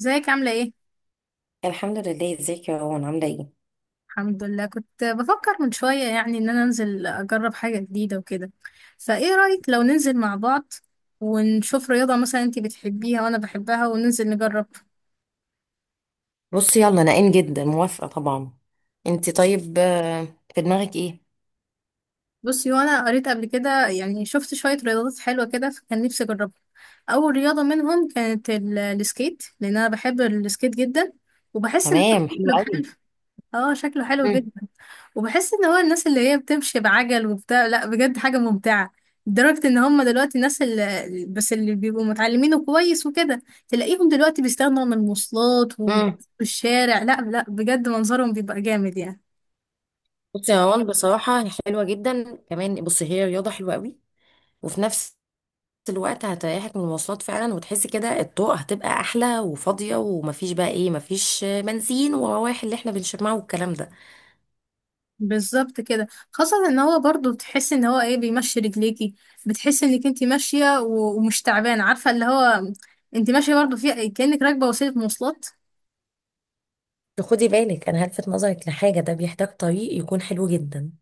ازيك؟ عاملة ايه؟ الحمد لله، ازيك يا روان؟ عاملة ايه؟ الحمد لله. كنت بفكر من شوية ان انا انزل اجرب حاجة جديدة وكده، فايه رأيك لو ننزل مع بعض ونشوف رياضة؟ مثلا انتي بتحبيها وانا بحبها، وننزل نجرب. بصي يلا انا جدا موافقة طبعا. انت طيب؟ في دماغك ايه؟ بصي، وانا قريت قبل كده، شفت شوية رياضات حلوة كده فكان نفسي اجربها. اول رياضة منهم كانت السكيت، لان انا بحب السكيت جدا، وبحس ان تمام، حلو قوي. اه شكله حلو مم. جدا. وبحس ان هو الناس اللي هي بتمشي بعجل وبتاع، لا بجد حاجة ممتعة، لدرجة ان هم دلوقتي الناس اللي بيبقوا متعلمينه كويس وكده، تلاقيهم دلوقتي بيستغنوا عن المواصلات مم. والشارع. لا، بجد منظرهم بيبقى جامد يعني. بصي يا روان، بصراحة هي حلوة جدا. كمان بصي هي رياضة حلوة قوي وفي نفس الوقت هتريحك من المواصلات فعلا، وتحسي كده الطرق هتبقى احلى وفاضية، ومفيش بقى ايه، مفيش بنزين ورواح اللي احنا بنشمعه والكلام ده. بالظبط كده. خاصة ان هو برضو بتحس ان هو ايه، بيمشي رجليكي. بتحس انك انت ماشية ومش تعبانة، عارفة اللي هو انت ماشية برضو في كأنك راكبة وسيلة مواصلات. خدي بالك، انا هلفت نظرك لحاجة، ده بيحتاج طريق يكون حلو جدا.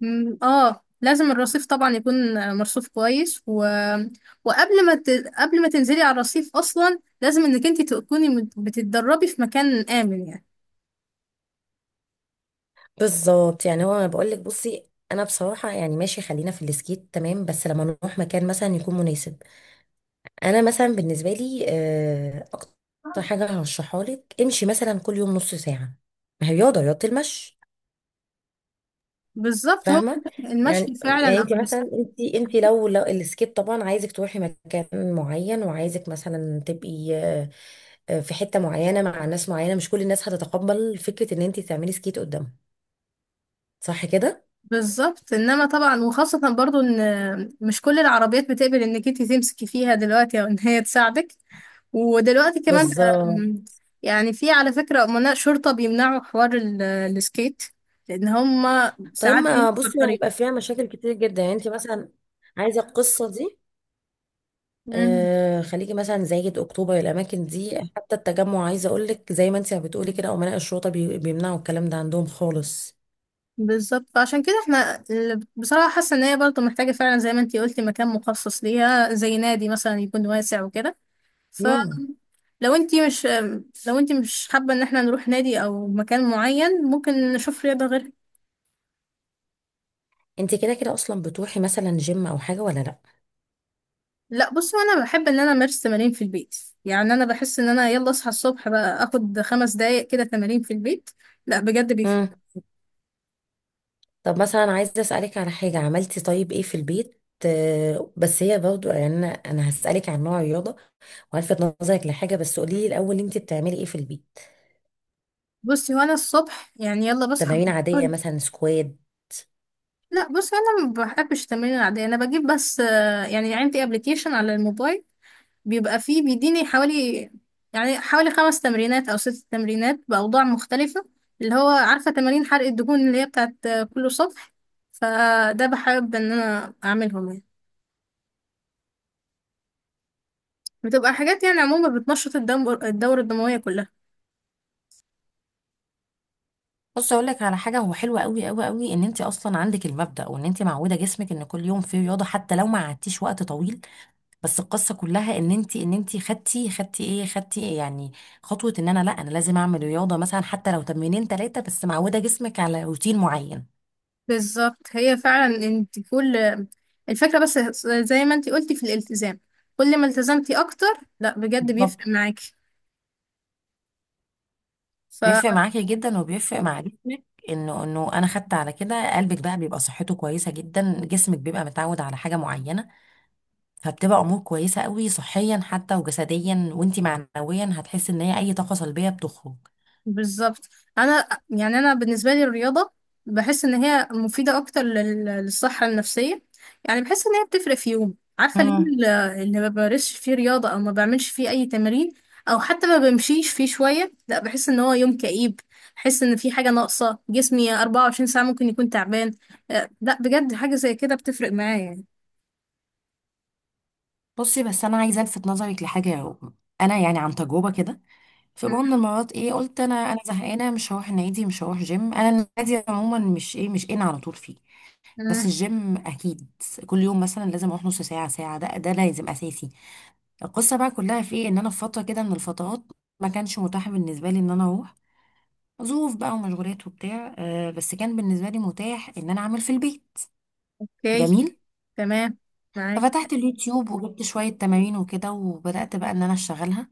مم، اه لازم الرصيف طبعا يكون مرصوف كويس وقبل ما ت... قبل ما تنزلي على الرصيف اصلا، لازم انك انت تكوني بتتدربي في مكان امن يعني. بالظبط. يعني هو انا بقول لك، بصي انا بصراحه يعني ماشي، خلينا في السكيت تمام، بس لما نروح مكان مثلا يكون مناسب. انا مثلا بالنسبه لي اكتر حاجه هرشحها لك، امشي مثلا كل يوم نص ساعه. ما هي رياضه المشي. بالظبط. هو فاهمه. المشي يعني يعني فعلا انت مثلا، أحسن. انت لو السكيت طبعا، عايزك تروحي مكان معين، وعايزك مثلا تبقي في حته معينه مع ناس معينه، مش كل الناس هتتقبل فكره ان انت تعملي سكيت قدامهم. صح كده؟ بالظبط، انما طبعا وخاصة برضو ان مش كل العربيات بتقبل انك انت تمسكي فيها دلوقتي او ان هي تساعدك. ودلوقتي كمان بقى، بالظبط. يعني في على فكرة امناء شرطة بيمنعوا حوار السكيت، لان هما طيب ساعات ما بيمشوا في بصي هيبقى فيها مشاكل كتير جدا يعني، انت مثلا عايزه القصه دي، الطريق. آه خليكي مثلا زايد، اكتوبر، الاماكن دي، حتى التجمع، عايزه اقول لك زي ما انت بتقولي كده، امناء الشرطه بيمنعوا الكلام ده عندهم خالص. بالظبط، فعشان كده احنا بصراحة حاسة ان هي برضه محتاجة فعلا زي ما انتي قلتي مكان مخصص ليها، زي نادي مثلا يكون واسع وكده. امم فلو انتي مش، لو انتي مش حابة ان احنا نروح نادي او مكان معين، ممكن نشوف رياضة غيرها. انت كده كده اصلا بتروحي مثلا جيم او حاجه، ولا لا؟ لا، بصوا انا بحب ان انا امارس تمارين في البيت. يعني انا بحس ان انا يلا اصحى الصبح بقى اخد خمس دقايق كده تمارين في البيت، لا بجد بيفرق. امم طب مثلا عايزه اسالك على حاجه، عملتي طيب ايه في البيت؟ بس هي برضو يعني انا هسالك عن نوع الرياضه والفت نظرك لحاجه، بس قولي لي الاول، انت بتعملي ايه في البيت؟ بصي وانا الصبح يعني يلا بصحى تمارين عاديه بحاول- مثلا سكوات؟ لا بصي، انا ما بحبش التمارين العادية، انا بجيب بس يعني عندي ابلكيشن على الموبايل بيبقى فيه، بيديني حوالي، يعني حوالي خمس تمرينات أو ست تمرينات بأوضاع مختلفة، اللي هو عارفة تمارين حرق الدهون اللي هي بتاعت كل سطح. فده بحب إن أنا أعملهم يعني، بتبقى حاجات يعني عموما بتنشط الدم، الدورة الدموية كلها. بص اقول لك على حاجه، هو حلو قوي قوي قوي ان انت اصلا عندك المبدا، وان انت معوده جسمك ان كل يوم فيه رياضه حتى لو ما قعدتيش وقت طويل. بس القصه كلها ان انت خدتي ايه، خدتي إيه يعني، خطوه، ان انا لا، انا لازم اعمل رياضه مثلا حتى لو تمرينين ثلاثه، بس معوده جسمك على روتين معين. بالظبط، هي فعلا انت كل الفكرة بس زي ما انت قلتي في الالتزام، كل ما التزمتي أكتر لا بجد بالظبط. بيفرق معاكي. بيفرق معاكي جدا، وبيفرق مع جسمك، انه انا خدت على كده، قلبك بقى بيبقى صحته كويسه جدا، جسمك بيبقى متعود على حاجه معينه. فبتبقى امور كويسه قوي صحيا حتى وجسديا، وانتي معنويا هتحسي ان هي اي طاقه سلبيه بتخرج. بالظبط. انا يعني انا بالنسبه لي الرياضه، بحس ان هي مفيده اكتر للصحه النفسيه. يعني بحس ان هي بتفرق في يوم، عارفه اليوم امم اللي ما بمارسش فيه رياضه او ما بعملش فيه اي تمارين او حتى ما بمشيش فيه شويه، لا بحس ان هو يوم كئيب. بحس ان في حاجه ناقصه، جسمي 24 ساعه ممكن يكون تعبان. لا بجد حاجه زي كده بتفرق معايا يعني. بصي، بس انا عايزه الفت نظرك لحاجه يا رغم. انا يعني عن تجربه كده، في م- مره من المرات ايه، قلت انا زهقانه، مش هروح النادي، مش هروح جيم. انا النادي عموما مش ان على طول فيه، بس م- الجيم اكيد كل يوم مثلا لازم اروح نص ساعه ساعه، ده لازم اساسي. القصه بقى كلها في ايه، ان انا في فتره كده من الفترات ما كانش متاح بالنسبه لي ان انا اروح، ظروف بقى ومشغولات وبتاع، بس كان بالنسبة لي متاح ان انا اعمل في البيت. اوكي، جميل. تمام، معاك. ففتحت اليوتيوب وجبت شوية تمارين وكده، وبدأت بقى ان انا اشتغلها.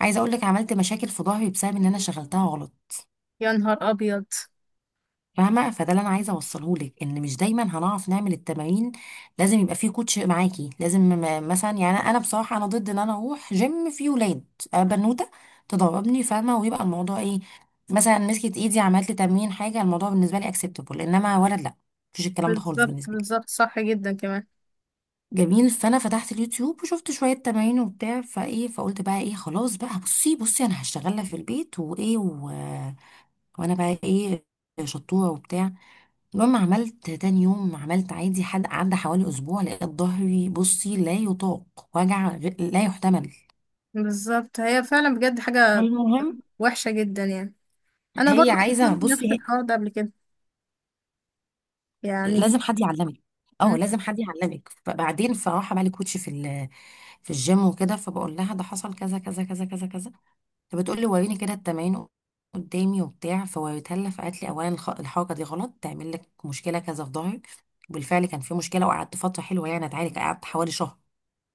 عايزة اقولك عملت مشاكل في ظهري بسبب ان انا شغلتها غلط. يا نهار ابيض! فاهمه؟ فده اللي انا عايزه اوصله لك، ان مش دايما هنعرف نعمل التمارين، لازم يبقى فيه كوتش معاكي لازم. مثلا يعني انا بصراحه انا ضد ان انا اروح جيم فيه ولاد. أنا بنوته تدربني، فاهمه؟ ويبقى الموضوع ايه، مثلا مسكت ايدي عملت لي تمرين حاجه، الموضوع بالنسبه لي اكسبتابل. انما ولد لا، مفيش الكلام ده خالص بالظبط، بالنسبه لي. بالظبط، صح جدا كمان. جميل. فانا فتحت اليوتيوب وشفت شويه تمارين وبتاع فايه، فقلت بقى ايه، خلاص بقى، بصي انا هشتغلها في البيت وايه، وانا بقى ايه، شطوره وبتاع. المهم عملت تاني يوم، عملت عادي، حد عدى حوالي اسبوع لقيت ظهري بصي لا يطاق، وجع لا يحتمل. بالظبط، هي فعلا بجد حاجة المهم وحشة جدا يعني. انا هي برضه عايزه، حصلت بصي نفس هي الحوار ده قبل كده يعني. لازم حد يعلمك، اه مم. لازم حد يعلمك. فبعدين فراح عمل لي كوتش في في الجيم وكده، فبقول لها ده حصل كذا كذا كذا كذا كذا، فبتقول لي وريني كده التمارين قدامي وبتاع، فوريتها لها فقالت لي: اولا الحركه دي غلط، تعمل لك مشكله كذا في ظهرك. بالفعل كان في مشكله، وقعدت فتره حلوه يعني اتعالج، قعدت حوالي شهر،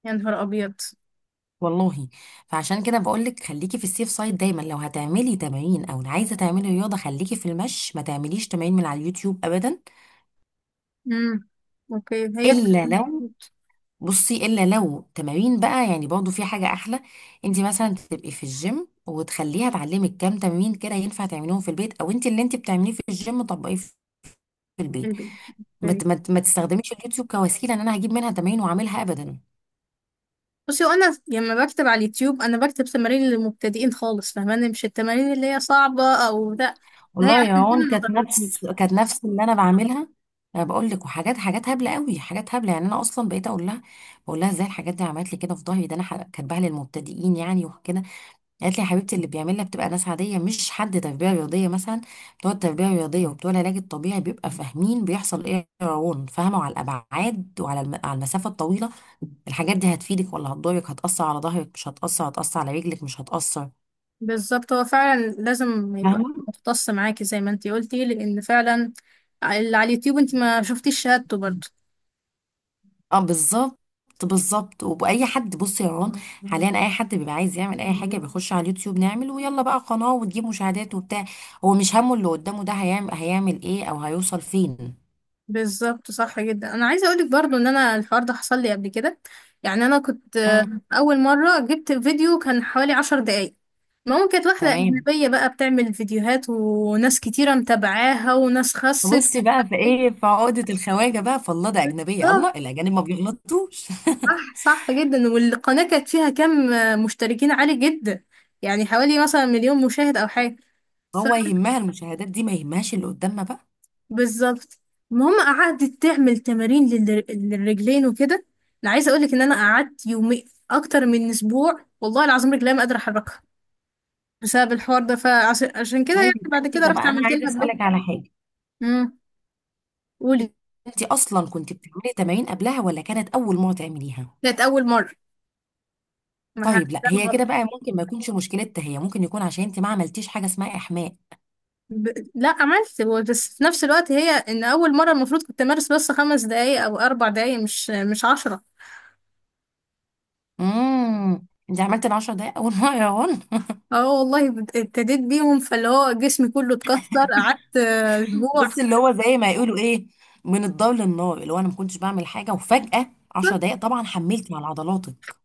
يا نهار ابيض. والله. فعشان كده بقول لك خليكي في السيف سايد دايما، لو هتعملي تمارين او عايزه تعملي رياضه خليكي في المشي، ما تعمليش تمارين من على اليوتيوب ابدا. امم. اوكي. هي الا لو، بصي الا لو تمارين بقى يعني، برضه في حاجه احلى، انت مثلا تبقي في الجيم وتخليها تعلمك كام تمرين كده ينفع تعمليهم في البيت، او انت اللي انت بتعمليه في الجيم طبقيه في البيت. البيت. اوكي. ما تستخدميش اليوتيوب كوسيله ان انا هجيب منها تمارين واعملها ابدا. بصي، وانا لما بكتب على اليوتيوب انا بكتب تمارين للمبتدئين خالص، فاهماني، مش التمارين اللي هي صعبة او ده. هي والله يا عشان كده هون، ما كانت ضربتنيش. نفس كانت نفس اللي انا بعملها. انا بقول لك، وحاجات، حاجات هبله قوي، حاجات هبله يعني. انا اصلا بقيت اقول لها، بقول لها ازاي الحاجات دي عملت لي كده في ظهري ده، انا كاتباها للمبتدئين يعني وكده. قالت لي: يا حبيبتي، اللي بيعملها بتبقى ناس عاديه، مش حد تربيه رياضيه مثلا. بتوع التربيه الرياضيه وبتوع العلاج الطبيعي بيبقى فاهمين بيحصل ايه. روان، فاهمه، على الابعاد وعلى على المسافه الطويله الحاجات دي هتفيدك ولا هتضرك، هتاثر على ظهرك مش هتاثر، هتاثر على رجلك مش هتاثر. بالظبط، هو فعلا لازم يبقى فاهمه؟ مختص معاكي زي ما انتي قلتي، لان فعلا اللي على اليوتيوب انتي ما شفتيش شهادته برضه. اه بالظبط. بالظبط، وبأي حد. بصي يا رون، حاليا اي حد بيبقى عايز يعمل اي حاجه بيخش على اليوتيوب، نعمل ويلا بقى قناه وتجيب مشاهدات وبتاع، هو مش همه اللي قدامه ده هيعمل ايه او هيوصل فين. بالظبط، صح جدا. انا عايزه اقولك برضو ان انا الحوار ده حصل لي قبل كده يعني. انا كنت امم، اول مره جبت فيديو كان حوالي عشر دقايق. المهم كانت واحده تمام. اجنبيه بقى بتعمل فيديوهات وناس كتيره متابعاها وناس خست. بصي بقى في ايه، في عقدة الخواجة بقى، فالله، ده أجنبية، الله، بالظبط، الأجانب ما بيغلطوش. صح، صح جدا. والقناه كانت فيها كم مشتركين عالي جدا، يعني حوالي مثلا مليون مشاهد او حاجه. ف، هو يهمها المشاهدات دي، ما يهمهاش اللي قدامنا بقى. بالظبط. المهم قعدت تعمل تمارين للرجلين وكده. انا عايزه اقولك ان انا قعدت يومي اكتر من اسبوع والله العظيم رجلي ما قادره احركها بسبب الحوار ده، فعشان كده طيب يعني يبقى بعد كده انت، طب رحت انا عملت عايزة لها بلوك. أسألك على حاجة، امم. قولي. انت اصلا كنت بتعملي تمارين قبلها ولا كانت اول مرة تعمليها؟ كانت اول مره. ما ه- طيب لا، ده هي كده غلط. بقى ممكن ما يكونش مشكلتها، هي ممكن يكون عشان انت ما عملتيش حاجة اسمها احماء. ب... لا، عملت، هو بس في نفس الوقت هي ان اول مره المفروض كنت امارس بس خمس دقايق او اربع دقايق، مش عشرة. انت عملت ال 10 دقايق اول مرة يا هون؟ اه والله، ابتديت بيهم، فاللي هو جسمي كله اتكسر. قعدت اسبوع. بصي اللي هو زي ما يقولوا ايه، من الضل للنار، اللي هو انا ما كنتش بعمل حاجة وفجأة 10 دقايق، طبعا حملتي على عضلاتك.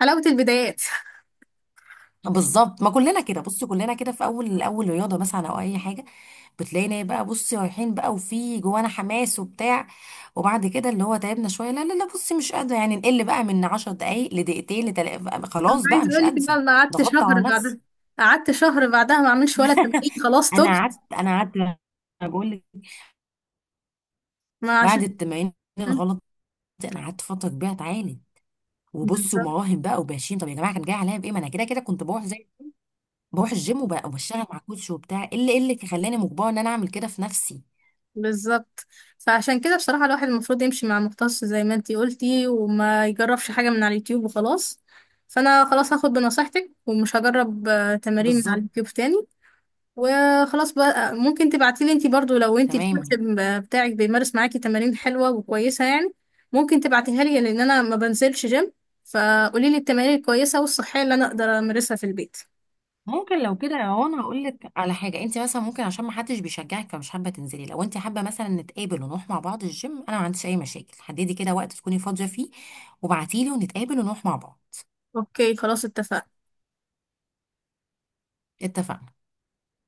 حلاوه البدايات. بالظبط، ما كلنا كده. بصي كلنا كده في اول رياضه مثلا او اي حاجه، بتلاقينا إيه بقى، بصي رايحين بقى وفي جوانا حماس وبتاع، وبعد كده اللي هو تعبنا شويه، لا لا لا، بصي مش قادره يعني، نقل بقى من 10 دقائق لدقيقتين انا خلاص بقى عايزه مش اقول لك بقى، قادره، انا قعدت ضغطت شهر على نفسي. بعدها، قعدت شهر بعدها ما اعملش ولا تمرين، خلاص انا تبت. قعدت انا قعدت بقول لك، ما بعد عشان. التمارين الغلط دي، انا قعدت فتره كبيره اتعالج، وبصي، بالظبط، ومراهم بقى وباشين، طب يا جماعه كان جاي عليا بايه، ما انا كده كده كنت بروح، زي بروح الجيم، وبشتغل مع كوتش وبتاع، ايه اللي إيه اللي خلاني مجبره ان انا اعمل كده في نفسي. بالظبط. فعشان كده بصراحه الواحد المفروض يمشي مع مختص زي ما انتي قلتي، وما يجربش حاجه من على اليوتيوب وخلاص. فانا خلاص هاخد بنصيحتك ومش هجرب تمارين من على بالظبط. اليوتيوب تاني. وخلاص بقى، ممكن تبعتيلي انتي برضو لو انتي الكوتش تمام، بتاعك بيمارس معاكي تمارين حلوة وكويسة يعني، ممكن تبعتيها لي لان انا ما بنزلش جيم، فقولي لي التمارين الكويسة والصحية اللي انا اقدر امارسها في البيت. ممكن لو كده يا انا هقول لك على حاجه، انت مثلا ممكن عشان ما حدش بيشجعك فمش حابه تنزلي، لو انت حابه مثلا نتقابل ونروح مع بعض الجيم، انا ما عنديش اي مشاكل، حددي كده وقت تكوني فاضيه فيه وابعتيلي ونتقابل ونروح مع بعض. اوكي، خلاص اتفقنا. اتفقنا.